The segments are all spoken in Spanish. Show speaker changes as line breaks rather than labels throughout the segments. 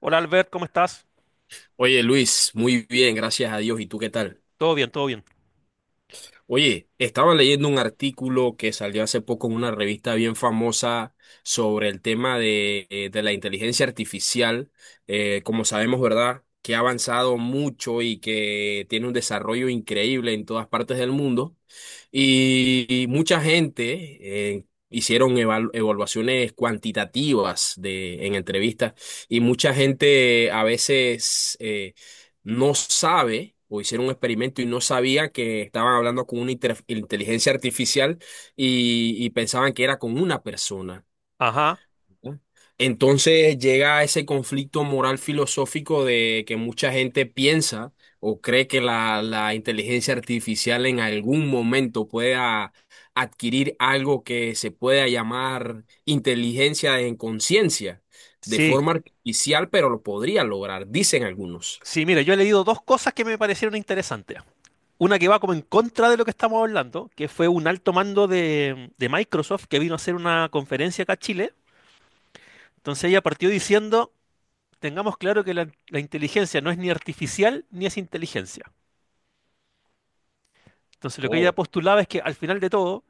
Hola Albert, ¿cómo estás?
Oye Luis, muy bien, gracias a Dios. ¿Y tú qué tal?
Todo bien, todo bien.
Oye, estaba leyendo un artículo que salió hace poco en una revista bien famosa sobre el tema de la inteligencia artificial. Como sabemos, ¿verdad? Que ha avanzado mucho y que tiene un desarrollo increíble en todas partes del mundo. Y mucha gente hicieron evaluaciones cuantitativas en entrevistas, y mucha gente a veces, no sabe o hicieron un experimento y no sabía que estaban hablando con una inteligencia artificial, y pensaban que era con una persona.
Ajá,
¿No? Entonces llega ese conflicto moral filosófico de que mucha gente piensa o cree que la inteligencia artificial en algún momento pueda adquirir algo que se pueda llamar inteligencia en conciencia de
sí,
forma artificial, pero lo podría lograr, dicen algunos.
sí, mira, yo he leído dos cosas que me parecieron interesantes. Una que va como en contra de lo que estamos hablando, que fue un alto mando de Microsoft que vino a hacer una conferencia acá a Chile. Entonces ella partió diciendo, tengamos claro que la inteligencia no es ni artificial ni es inteligencia. Entonces lo que ella postulaba es que al final de todo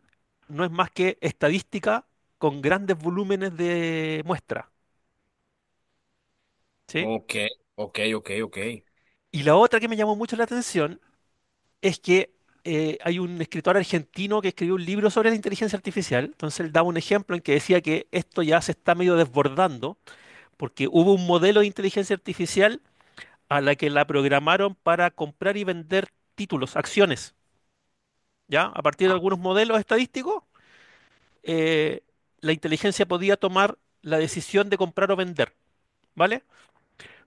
no es más que estadística con grandes volúmenes de muestra, ¿sí?
Ok, ok, ok, ok.
Y la otra que me llamó mucho la atención es que hay un escritor argentino que escribió un libro sobre la inteligencia artificial. Entonces él daba un ejemplo en que decía que esto ya se está medio desbordando porque hubo un modelo de inteligencia artificial a la que la programaron para comprar y vender títulos, acciones, ¿ya? A partir
Ah,
de algunos modelos estadísticos, eh, la inteligencia podía tomar la decisión de comprar o vender, ¿vale?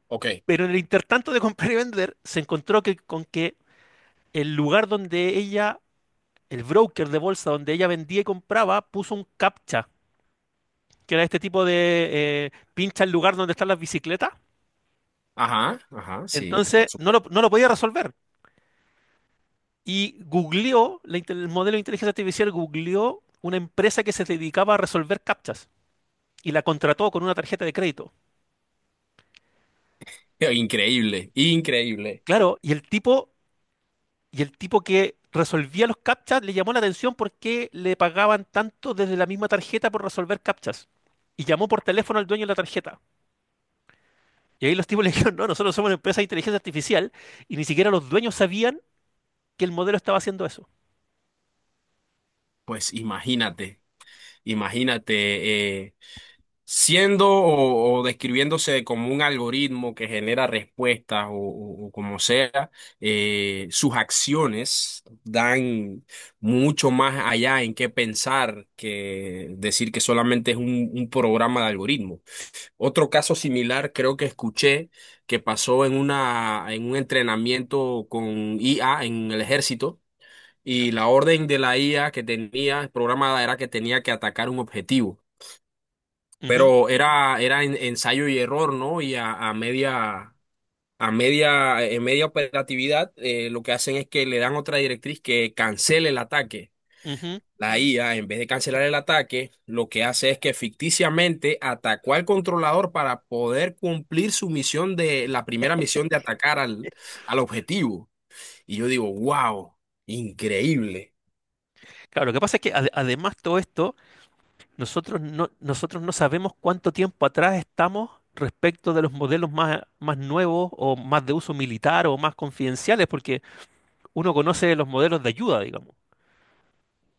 ok.
Pero en el intertanto de comprar y vender, se encontró que, con que el lugar donde ella el broker de bolsa donde ella vendía y compraba puso un captcha, que era este tipo de pincha el lugar donde están las bicicletas.
Ajá, ajá, sí,
Entonces
por supuesto.
no lo podía resolver. Y googleó, el modelo de inteligencia artificial googleó una empresa que se dedicaba a resolver captchas y la contrató con una tarjeta de crédito.
Increíble, increíble.
Claro, y el tipo que resolvía los captchas le llamó la atención porque le pagaban tanto desde la misma tarjeta por resolver captchas. Y llamó por teléfono al dueño de la tarjeta. Y ahí los tipos le dijeron, no, nosotros somos una empresa de inteligencia artificial y ni siquiera los dueños sabían que el modelo estaba haciendo eso.
Pues imagínate, imagínate, siendo o describiéndose como un algoritmo que genera respuestas o como sea, sus acciones dan mucho más allá en qué pensar que decir que solamente es un programa de algoritmo. Otro caso similar creo que escuché que pasó en un entrenamiento con IA en el ejército
¿Ya?
y la orden de la IA que tenía programada era que tenía que atacar un objetivo,
Ujú,
pero era ensayo y error, ¿no? Y en media operatividad, lo que hacen es que le dan otra directriz que cancele el ataque.
ujú.
La IA, en vez de cancelar el ataque, lo que hace es que ficticiamente atacó al controlador para poder cumplir su misión de la primera misión de atacar al objetivo. Y yo digo, wow, increíble.
Claro, lo que pasa es que además todo esto, nosotros no sabemos cuánto tiempo atrás estamos respecto de los modelos más, más nuevos o más de uso militar o más confidenciales, porque uno conoce los modelos de ayuda, digamos.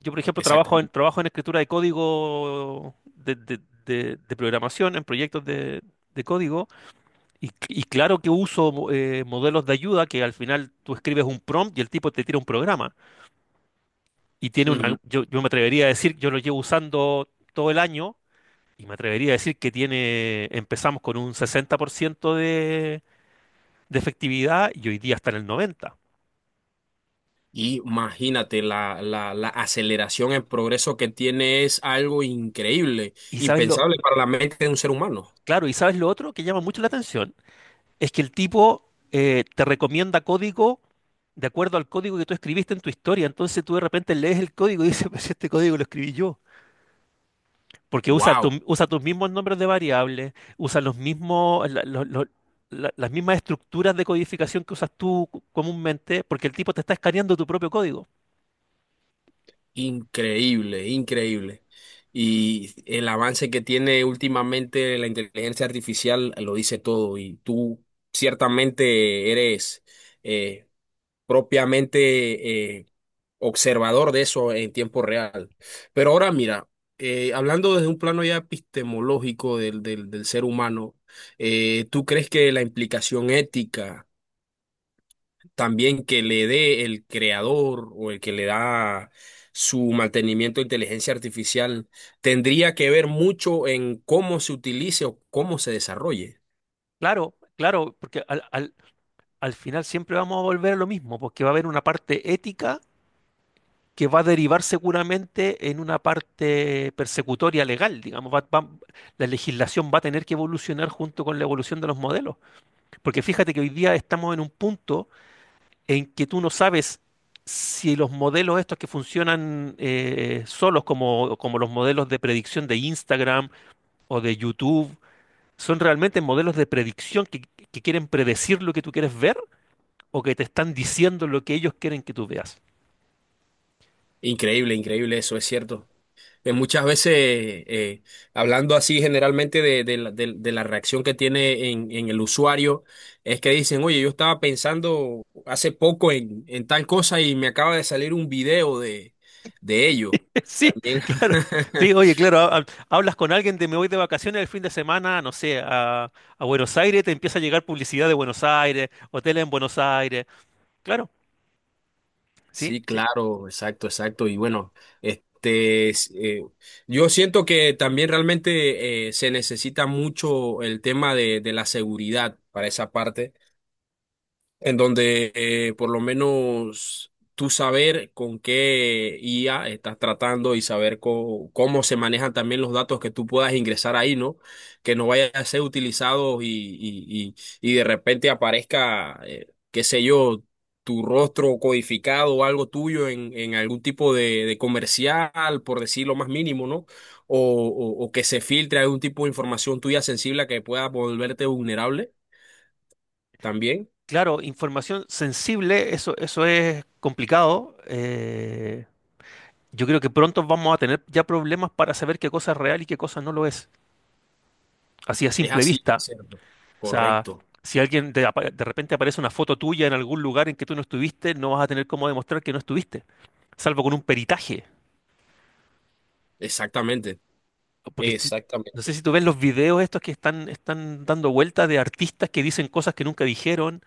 Yo, por ejemplo,
Exactamente.
trabajo en escritura de código de de programación, en proyectos de código. Y claro que uso modelos de ayuda que al final tú escribes un prompt y el tipo te tira un programa. Y tiene una,
Ujú.
yo me atrevería a decir, yo lo llevo usando todo el año y me atrevería a decir que tiene, empezamos con un 60% de efectividad y hoy día está en el 90%.
Y imagínate, la aceleración en progreso que tiene es algo increíble,
Y sabes lo,
impensable para la mente de un ser humano.
claro, y sabes lo otro que llama mucho la atención, es que el tipo te recomienda código de acuerdo al código que tú escribiste en tu historia. Entonces tú de repente lees el código y dices, pues este código lo escribí yo. Porque
Wow.
usa tus mismos nombres de variables, usa los mismos, las mismas estructuras de codificación que usas tú comúnmente, porque el tipo te está escaneando tu propio código.
Increíble, increíble. Y el avance que tiene últimamente la inteligencia artificial lo dice todo. Y tú ciertamente eres eh, propiamente observador de eso en tiempo real. Pero ahora mira, hablando desde un plano ya epistemológico del ser humano, ¿tú crees que la implicación ética también que le dé el creador o el que le da su mantenimiento de inteligencia artificial, tendría que ver mucho en cómo se utilice o cómo se desarrolle?
Claro, claro, porque al final siempre vamos a volver a lo mismo, porque va a haber una parte ética que va a derivar seguramente en una parte persecutoria legal, digamos, la legislación va a tener que evolucionar junto con la evolución de los modelos. Porque fíjate que hoy día estamos en un punto en que tú no sabes si los modelos estos que funcionan solos, como, como los modelos de predicción de Instagram o de YouTube, son realmente modelos de predicción que quieren predecir lo que tú quieres ver o que te están diciendo lo que ellos quieren que tú veas.
Increíble, increíble, eso es cierto. Muchas veces, eh, hablando así generalmente de la reacción que tiene en el usuario, es que dicen, oye, yo estaba pensando hace poco en tal cosa y me acaba de salir un video de ello.
Sí,
También
claro. Sí, oye, claro, hablas con alguien de me voy de vacaciones el fin de semana, no sé, a Buenos Aires, te empieza a llegar publicidad de Buenos Aires, hoteles en Buenos Aires. Claro, sí,
Sí,
sí.
claro, exacto, exacto. Y bueno, este, s- eh, yo siento que también realmente se necesita mucho el tema de la seguridad para esa parte en donde por lo menos tú saber con qué IA estás tratando y saber cómo se manejan también los datos que tú puedas ingresar ahí, ¿no? Que no vaya a ser utilizados y de repente aparezca, qué sé yo, tu rostro codificado o algo tuyo en algún tipo de comercial, por decir lo más mínimo, ¿no? O, o que se filtre algún tipo de información tuya sensible que pueda volverte vulnerable también.
Claro, información sensible, eso es complicado. Yo creo que pronto vamos a tener ya problemas para saber qué cosa es real y qué cosa no lo es, así a
Es
simple
así, es
vista.
cierto.
O sea,
Correcto.
si alguien de repente aparece una foto tuya en algún lugar en que tú no estuviste, no vas a tener cómo demostrar que no estuviste, salvo con un peritaje.
Exactamente.
Porque si- No
Exactamente.
sé si tú ves los videos estos que están dando vueltas de artistas que dicen cosas que nunca dijeron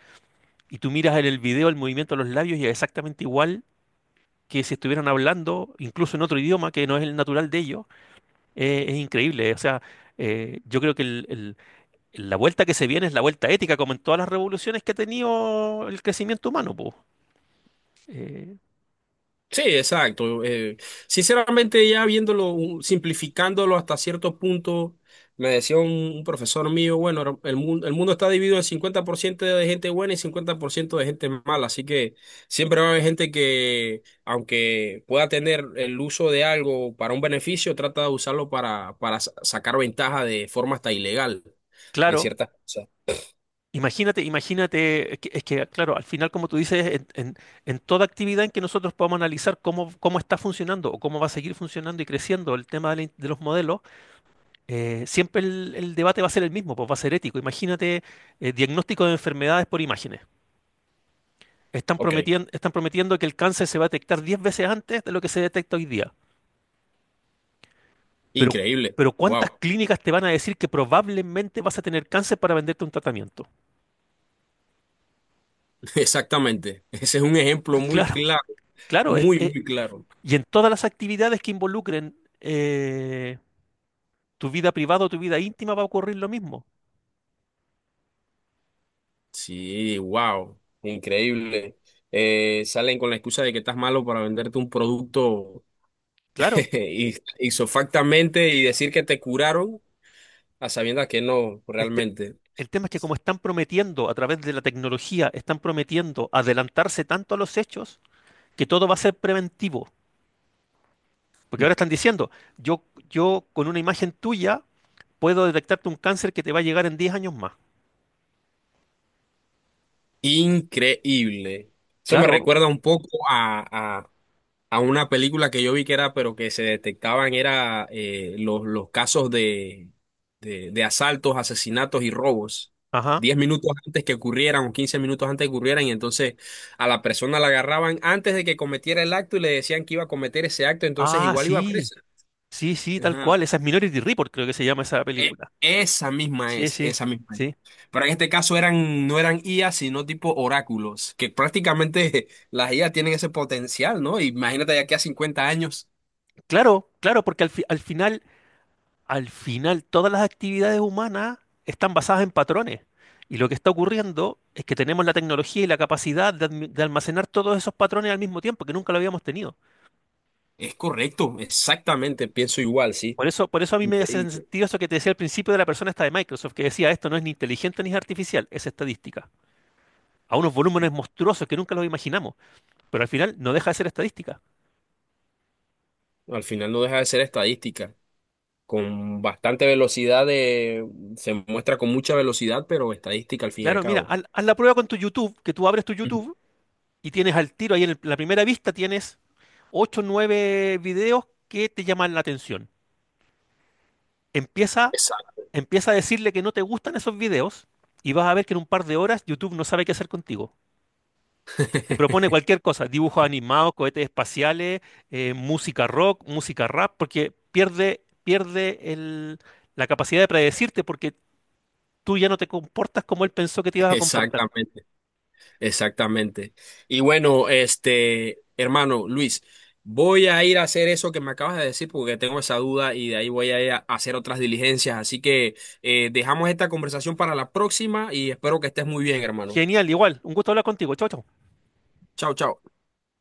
y tú miras en el video el movimiento de los labios y es exactamente igual que si estuvieran hablando, incluso en otro idioma que no es el natural de ellos, es increíble. O sea, yo creo que la vuelta que se viene es la vuelta ética, como en todas las revoluciones que ha tenido el crecimiento humano, po. Eh,
Sí, exacto. Sinceramente, ya viéndolo, simplificándolo hasta cierto punto, me decía un profesor mío, bueno, el mundo está dividido en 50% de gente buena y 50% de gente mala, así que siempre va a haber gente que, aunque pueda tener el uso de algo para un beneficio, trata de usarlo para sacar ventaja de forma hasta ilegal en
claro,
ciertas cosas.
imagínate, imagínate, claro, al final, como tú dices, en toda actividad en que nosotros podamos analizar cómo, cómo está funcionando o cómo va a seguir funcionando y creciendo el tema de, de los modelos, siempre el debate va a ser el mismo, pues va a ser ético. Imagínate, diagnóstico de enfermedades por imágenes.
Ok,
Están prometiendo que el cáncer se va a detectar 10 veces antes de lo que se detecta hoy día. Pero,
increíble.
pero ¿cuántas
Wow.
clínicas te van a decir que probablemente vas a tener cáncer para venderte un tratamiento?
Exactamente. Ese es un ejemplo muy
Claro,
claro,
claro.
muy, muy claro.
Y en todas las actividades que involucren eh, tu vida privada o tu vida íntima va a ocurrir lo mismo.
Sí, wow, increíble. Salen con la excusa de que estás malo para venderte un producto.
Claro.
Y isofactamente y decir que te curaron a sabiendas que no,
El, te-
realmente.
el tema es que como están prometiendo a través de la tecnología, están prometiendo adelantarse tanto a los hechos que todo va a ser preventivo. Porque ahora están diciendo, yo, yo con una imagen tuya puedo detectarte un cáncer que te va a llegar en diez años más.
Increíble. Eso me
Claro,
recuerda un poco a, una película que yo vi que era, pero que se detectaban era los casos de asaltos, asesinatos y robos.
ajá.
10 minutos antes que ocurrieran o 15 minutos antes que ocurrieran, y entonces a la persona la agarraban antes de que cometiera el acto y le decían que iba a cometer ese acto, entonces
Ah,
igual iba
sí,
presa.
sí, sí, tal
Ajá.
cual. Esa es Minority Report, creo que se llama esa
E-
película.
Esa misma
Sí,
es,
sí,
esa misma es.
sí.
Pero en este caso eran, no eran IA, sino tipo oráculos, que prácticamente las IA tienen ese potencial, ¿no? Imagínate ya que a 50 años.
Claro, claro, porque al final, todas las actividades humanas están basadas en patrones. Y lo que está ocurriendo es que tenemos la tecnología y la capacidad de almacenar todos esos patrones al mismo tiempo, que nunca lo habíamos tenido.
Es correcto, exactamente, pienso igual, sí.
Por eso a mí me hace
Increíble.
sentido eso que te decía al principio de la persona esta de Microsoft, que decía, esto no es ni inteligente ni es artificial, es estadística. A unos volúmenes monstruosos que nunca los imaginamos, pero al final no deja de ser estadística.
Al final no deja de ser estadística. Con bastante velocidad se muestra con mucha velocidad, pero estadística al fin y al
Claro, mira,
cabo.
haz la prueba con tu YouTube, que tú abres tu
Ujú.
YouTube y tienes al tiro ahí en la primera vista, tienes 8 o 9 videos que te llaman la atención. Empieza,
Exacto.
empieza a decirle que no te gustan esos videos y vas a ver que en un par de horas YouTube no sabe qué hacer contigo. Te propone cualquier cosa, dibujos animados, cohetes espaciales, música rock, música rap, porque pierde, pierde la capacidad de predecirte porque tú ya no te comportas como él pensó que te ibas a comportar.
Exactamente, exactamente. Y bueno, este, hermano Luis, voy a ir a hacer eso que me acabas de decir porque tengo esa duda y de ahí voy a ir a hacer otras diligencias. Así que dejamos esta conversación para la próxima y espero que estés muy bien, hermano.
Genial, igual. Un gusto hablar contigo. Chau, chau.
Chao, chao.